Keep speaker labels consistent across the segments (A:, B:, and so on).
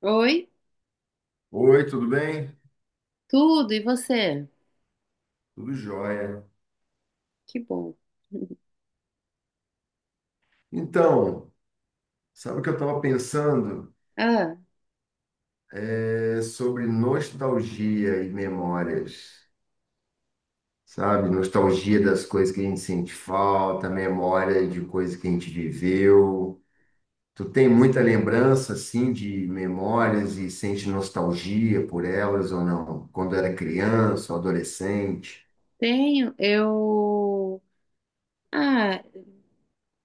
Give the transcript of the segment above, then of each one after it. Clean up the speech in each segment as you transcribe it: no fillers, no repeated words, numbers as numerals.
A: Oi,
B: Oi, tudo bem?
A: tudo, e você?
B: Tudo jóia.
A: Que bom.
B: Então, sabe o que eu estava pensando?
A: Ah,
B: É sobre nostalgia e memórias, sabe? Nostalgia das coisas que a gente sente falta, memória de coisas que a gente viveu. Tu tem muita lembrança, assim, de memórias e sente nostalgia por elas ou não? Quando era criança ou adolescente?
A: tenho, eu. Ah,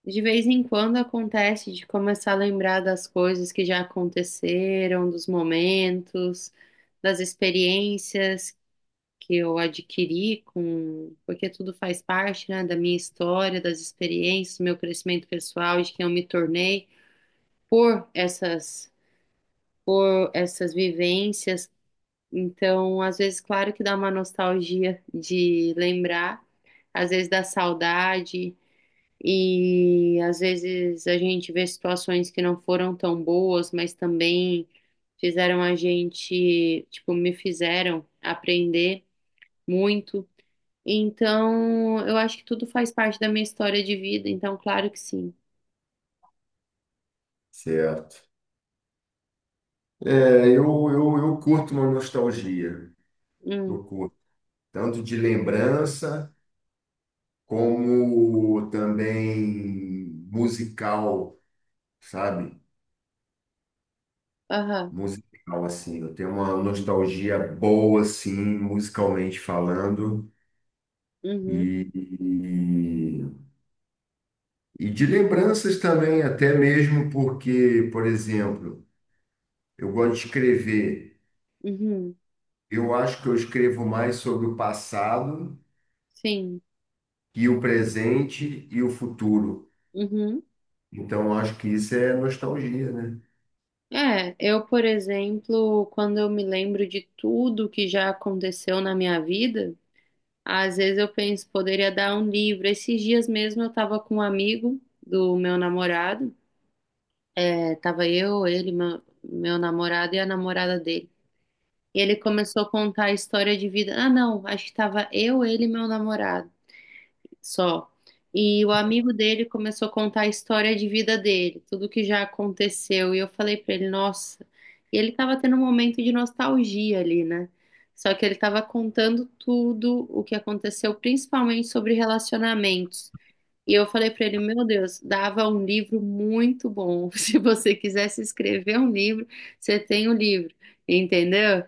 A: de vez em quando acontece de começar a lembrar das coisas que já aconteceram, dos momentos, das experiências que eu adquiri porque tudo faz parte, né, da minha história, das experiências, do meu crescimento pessoal, de quem eu me tornei por essas, por essas vivências. Então, às vezes, claro que dá uma nostalgia de lembrar, às vezes dá saudade, e às vezes a gente vê situações que não foram tão boas, mas também fizeram a gente, tipo, me fizeram aprender muito. Então, eu acho que tudo faz parte da minha história de vida, então, claro que sim.
B: Certo. É, eu curto uma nostalgia.
A: Hum.
B: Eu curto. Tanto de lembrança, como também musical, sabe?
A: Aham.
B: Musical, assim. Eu tenho uma nostalgia boa, assim, musicalmente falando, e,
A: Uhum.
B: e de lembranças também, até mesmo porque, por exemplo, eu gosto de escrever.
A: Uhum.
B: Eu acho que eu escrevo mais sobre o passado
A: Sim.
B: e o presente e o futuro.
A: Uhum.
B: Então, eu acho que isso é nostalgia, né?
A: É, eu, por exemplo, quando eu me lembro de tudo que já aconteceu na minha vida, às vezes eu penso, poderia dar um livro. Esses dias mesmo eu tava com um amigo do meu namorado, tava eu, ele, meu namorado e a namorada dele. E ele começou a contar a história de vida. Ah, não, acho que tava eu, ele e meu namorado só. E o amigo dele começou a contar a história de vida dele, tudo que já aconteceu. E eu falei pra ele, nossa. E ele tava tendo um momento de nostalgia ali, né? Só que ele tava contando tudo o que aconteceu, principalmente sobre relacionamentos. E eu falei pra ele, meu Deus, dava um livro muito bom. Se você quisesse escrever um livro, você tem o livro, entendeu?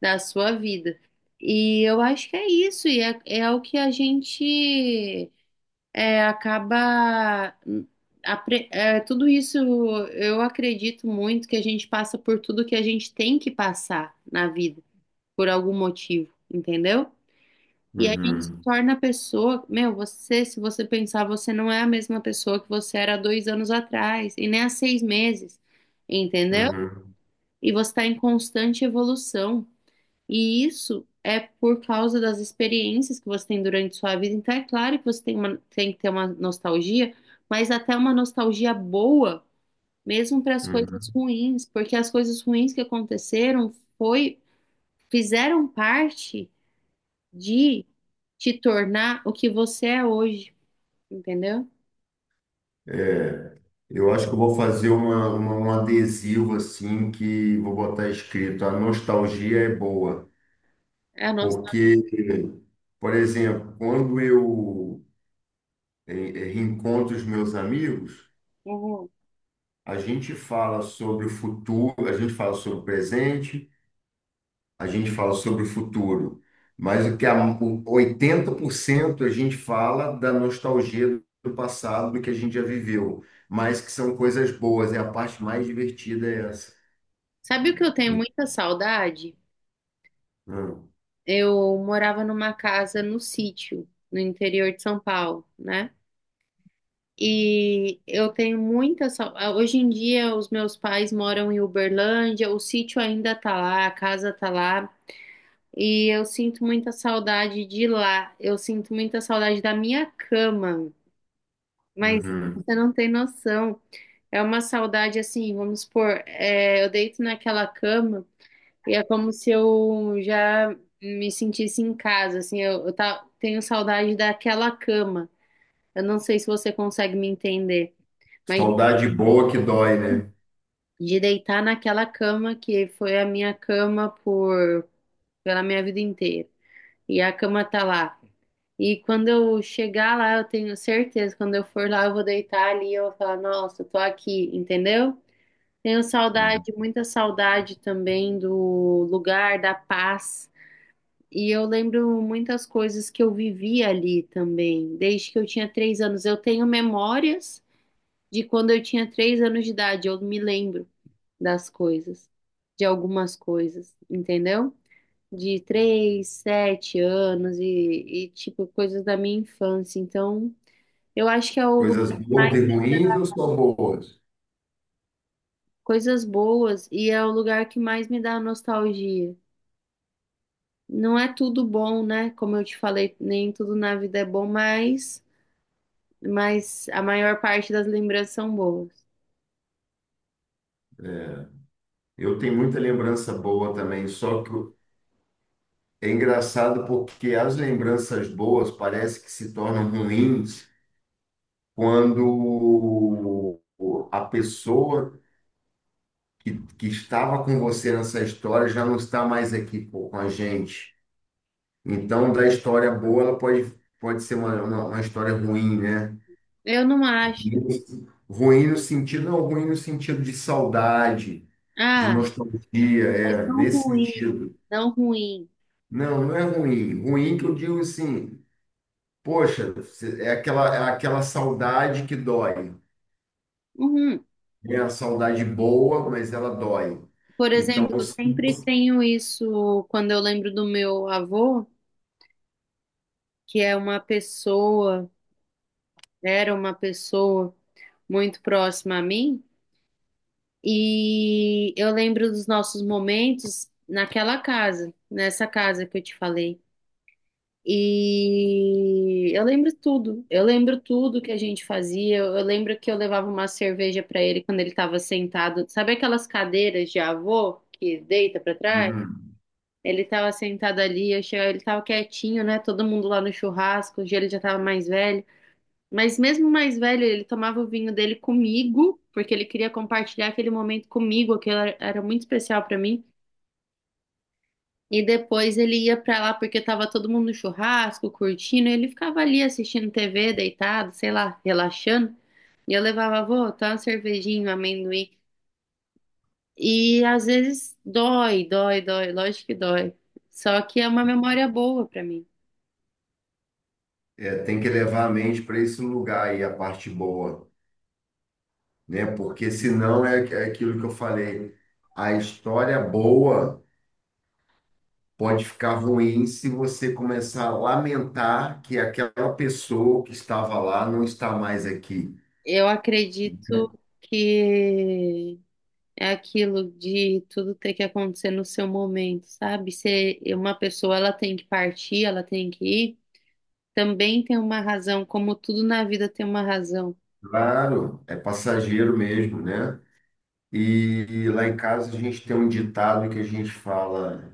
A: Da sua vida. E eu acho que é isso, e é o que a gente acaba, tudo isso eu acredito muito que a gente passa por tudo que a gente tem que passar na vida por algum motivo, entendeu? E a gente se
B: Uhum,
A: torna a pessoa, meu, você, se você pensar, você não é a mesma pessoa que você era há 2 anos atrás, e nem há 6 meses, entendeu?
B: uhum,
A: E você está em constante evolução. E isso é por causa das experiências que você tem durante sua vida. Então, é claro que você tem tem que ter uma nostalgia, mas até uma nostalgia boa, mesmo para as coisas
B: uhum.
A: ruins, porque as coisas ruins que aconteceram foi, fizeram parte de te tornar o que você é hoje, entendeu?
B: É, eu acho que eu vou fazer uma, um adesivo assim que vou botar escrito, a nostalgia é boa,
A: É a nossa.
B: porque, por exemplo, quando eu reencontro os meus amigos,
A: Uhum.
B: a gente fala sobre o futuro, a gente fala sobre o presente, a gente fala sobre o futuro, mas o 80% a gente fala da nostalgia do passado, do que a gente já viveu, mas que são coisas boas, é a parte mais divertida é essa.
A: Sabe o que eu tenho muita saudade?
B: Hum,
A: Eu morava numa casa no sítio, no interior de São Paulo, né? E eu tenho muita saudade. Hoje em dia, os meus pais moram em Uberlândia, o sítio ainda tá lá, a casa tá lá, e eu sinto muita saudade de lá. Eu sinto muita saudade da minha cama, mas
B: uhum.
A: você não tem noção. É uma saudade assim, vamos supor, eu deito naquela cama e é como se eu já me sentisse em casa, assim, eu tenho saudade daquela cama. Eu não sei se você consegue me entender. Mas
B: Saudade boa que dói, né?
A: de deitar naquela cama que foi a minha cama por pela minha vida inteira. E a cama tá lá. E quando eu chegar lá, eu tenho certeza, quando eu for lá, eu vou deitar ali e eu vou falar, nossa, eu tô aqui, entendeu? Tenho
B: Uhum.
A: saudade, muita saudade também do lugar, da paz. E eu lembro muitas coisas que eu vivi ali também, desde que eu tinha 3 anos. Eu tenho memórias de quando eu tinha 3 anos de idade, eu me lembro das coisas, de algumas coisas, entendeu? De 3, 7 anos e, tipo, coisas da minha infância. Então, eu acho que é o lugar
B: Coisas
A: que
B: boas
A: mais
B: e
A: me dá
B: ruins ou só boas?
A: coisas boas e é o lugar que mais me dá nostalgia. Não é tudo bom, né? Como eu te falei, nem tudo na vida é bom, mas a maior parte das lembranças são boas.
B: Eu tenho muita lembrança boa também, só que é engraçado porque as lembranças boas parece que se tornam ruins quando a pessoa que estava com você nessa história já não está mais aqui pô, com a gente. Então, da história boa, ela pode, pode ser uma, uma história ruim, né?
A: Eu não acho.
B: Ruim no sentido, não, ruim no sentido de saudade, de
A: Ah,
B: nostalgia, é,
A: não
B: nesse
A: ruim,
B: sentido.
A: não ruim.
B: Não, não é ruim. Ruim que eu digo assim, poxa, é aquela saudade que dói.
A: Uhum.
B: É a saudade boa, mas ela dói.
A: Por
B: Então,
A: exemplo, eu sempre tenho isso quando eu lembro do meu avô, que é uma pessoa, era uma pessoa muito próxima a mim, e eu lembro dos nossos momentos naquela casa, nessa casa que eu te falei. E eu lembro tudo que a gente fazia. Eu lembro que eu levava uma cerveja para ele quando ele estava sentado, sabe aquelas cadeiras de avô que deita para trás?
B: uhum,
A: Ele estava sentado ali, eu chegava, ele estava quietinho, né? Todo mundo lá no churrasco, hoje ele já estava mais velho. Mas mesmo mais velho, ele tomava o vinho dele comigo, porque ele queria compartilhar aquele momento comigo, que era muito especial para mim. E depois ele ia para lá porque estava todo mundo no churrasco, curtindo, e ele ficava ali assistindo TV, deitado, sei lá, relaxando. E eu levava, vô, tá uma cervejinha, um amendoim. E às vezes dói, dói, dói, lógico que dói. Só que é uma memória boa para mim.
B: é, tem que levar a mente para esse lugar aí, a parte boa, né? Porque senão é, é aquilo que eu falei, a história boa pode ficar ruim se você começar a lamentar que aquela pessoa que estava lá não está mais aqui.
A: Eu acredito que é aquilo de tudo ter que acontecer no seu momento, sabe? Se uma pessoa ela tem que partir, ela tem que ir, também tem uma razão, como tudo na vida tem uma razão,
B: Claro, é passageiro mesmo, né? E lá em casa a gente tem um ditado que a gente fala: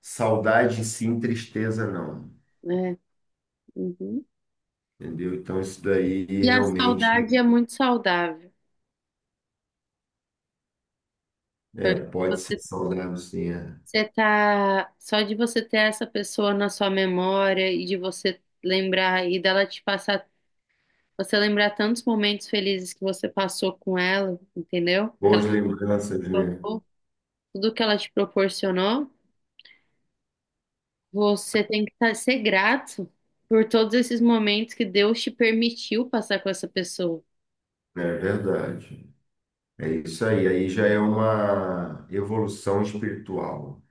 B: saudade sim, tristeza não.
A: né? Uhum.
B: Entendeu? Então isso daí
A: E a
B: realmente
A: saudade é muito saudável.
B: é, pode ser
A: Você,
B: saudável, sim. É.
A: só de você ter essa pessoa na sua memória e de você lembrar e dela te passar, você lembrar tantos momentos felizes que você passou com ela, entendeu? Que ela
B: Boas
A: te
B: lembranças, né?
A: tornou tudo que ela te proporcionou, você tem que ser grato por todos esses momentos que Deus te permitiu passar com essa pessoa.
B: É verdade. É isso aí. Aí já é uma evolução espiritual,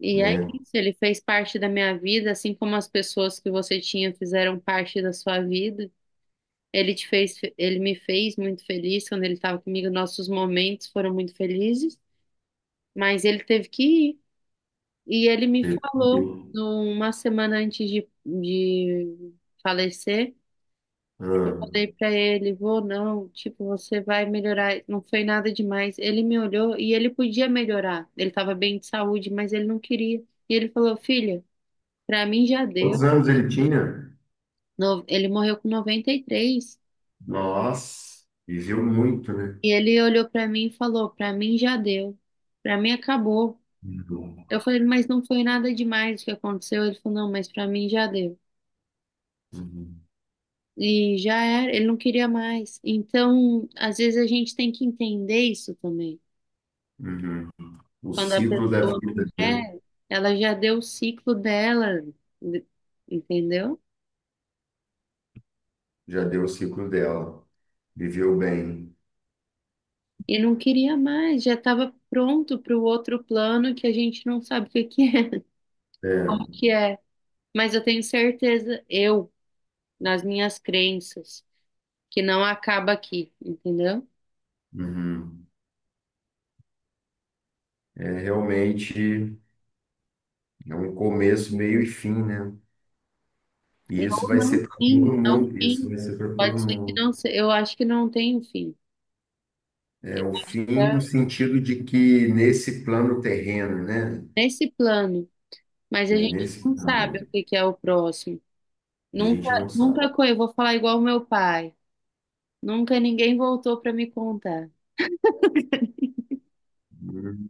A: E é
B: né?
A: isso, ele fez parte da minha vida, assim como as pessoas que você tinha fizeram parte da sua vida. Ele te fez, ele me fez muito feliz quando ele estava comigo, nossos momentos foram muito felizes, mas ele teve que ir. E ele me
B: Teve,
A: falou, numa semana antes de falecer.
B: ah,
A: Falei pra ele, vou não, tipo, você vai melhorar. Não foi nada demais. Ele me olhou e ele podia melhorar. Ele tava bem de saúde, mas ele não queria. E ele falou, filha, pra mim já deu.
B: quantos anos ele tinha?
A: Ele morreu com 93. E três.
B: Nossa, viveu muito, né?
A: E ele olhou pra mim e falou, pra mim já deu. Pra mim acabou.
B: Uhum.
A: Eu falei, mas não foi nada demais o que aconteceu. Ele falou, não, mas pra mim já deu.
B: Uhum.
A: E já era, ele não queria mais. Então, às vezes a gente tem que entender isso também.
B: Uhum. O
A: Quando a
B: ciclo da
A: pessoa não
B: vida, né?
A: quer, ela já deu o ciclo dela, de- entendeu?
B: Já deu o ciclo dela. Viveu bem.
A: E não queria mais, já estava pronto para o outro plano que a gente não sabe o que que é,
B: É,
A: como que é. Mas eu tenho certeza, eu, nas minhas crenças, que não acaba aqui, entendeu?
B: uhum. É realmente é um começo, meio e fim, né? E isso
A: Não,
B: vai ser
A: não
B: para
A: tem,
B: todo
A: não
B: mundo. Isso
A: tem.
B: vai ser para todo
A: Pode ser que
B: mundo.
A: não, eu acho que não tem o fim.
B: É o fim no
A: Tá?
B: sentido de que nesse plano terreno, né?
A: Nesse plano, mas
B: É,
A: a gente
B: nesse
A: não sabe
B: plano,
A: o que que é o próximo.
B: a
A: Nunca,
B: gente não sabe.
A: nunca, eu vou falar igual meu pai. Nunca ninguém voltou para me contar.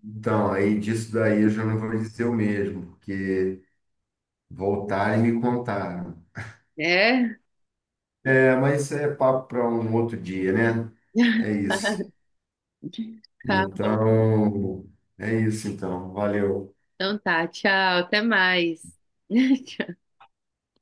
B: Então, aí disso daí eu já não vou dizer o mesmo, porque voltaram e me contaram.
A: É?
B: É, mas isso é papo para um outro dia, né? É isso.
A: Tá bom.
B: Então, é isso então. Valeu.
A: Então tá, tchau, até mais.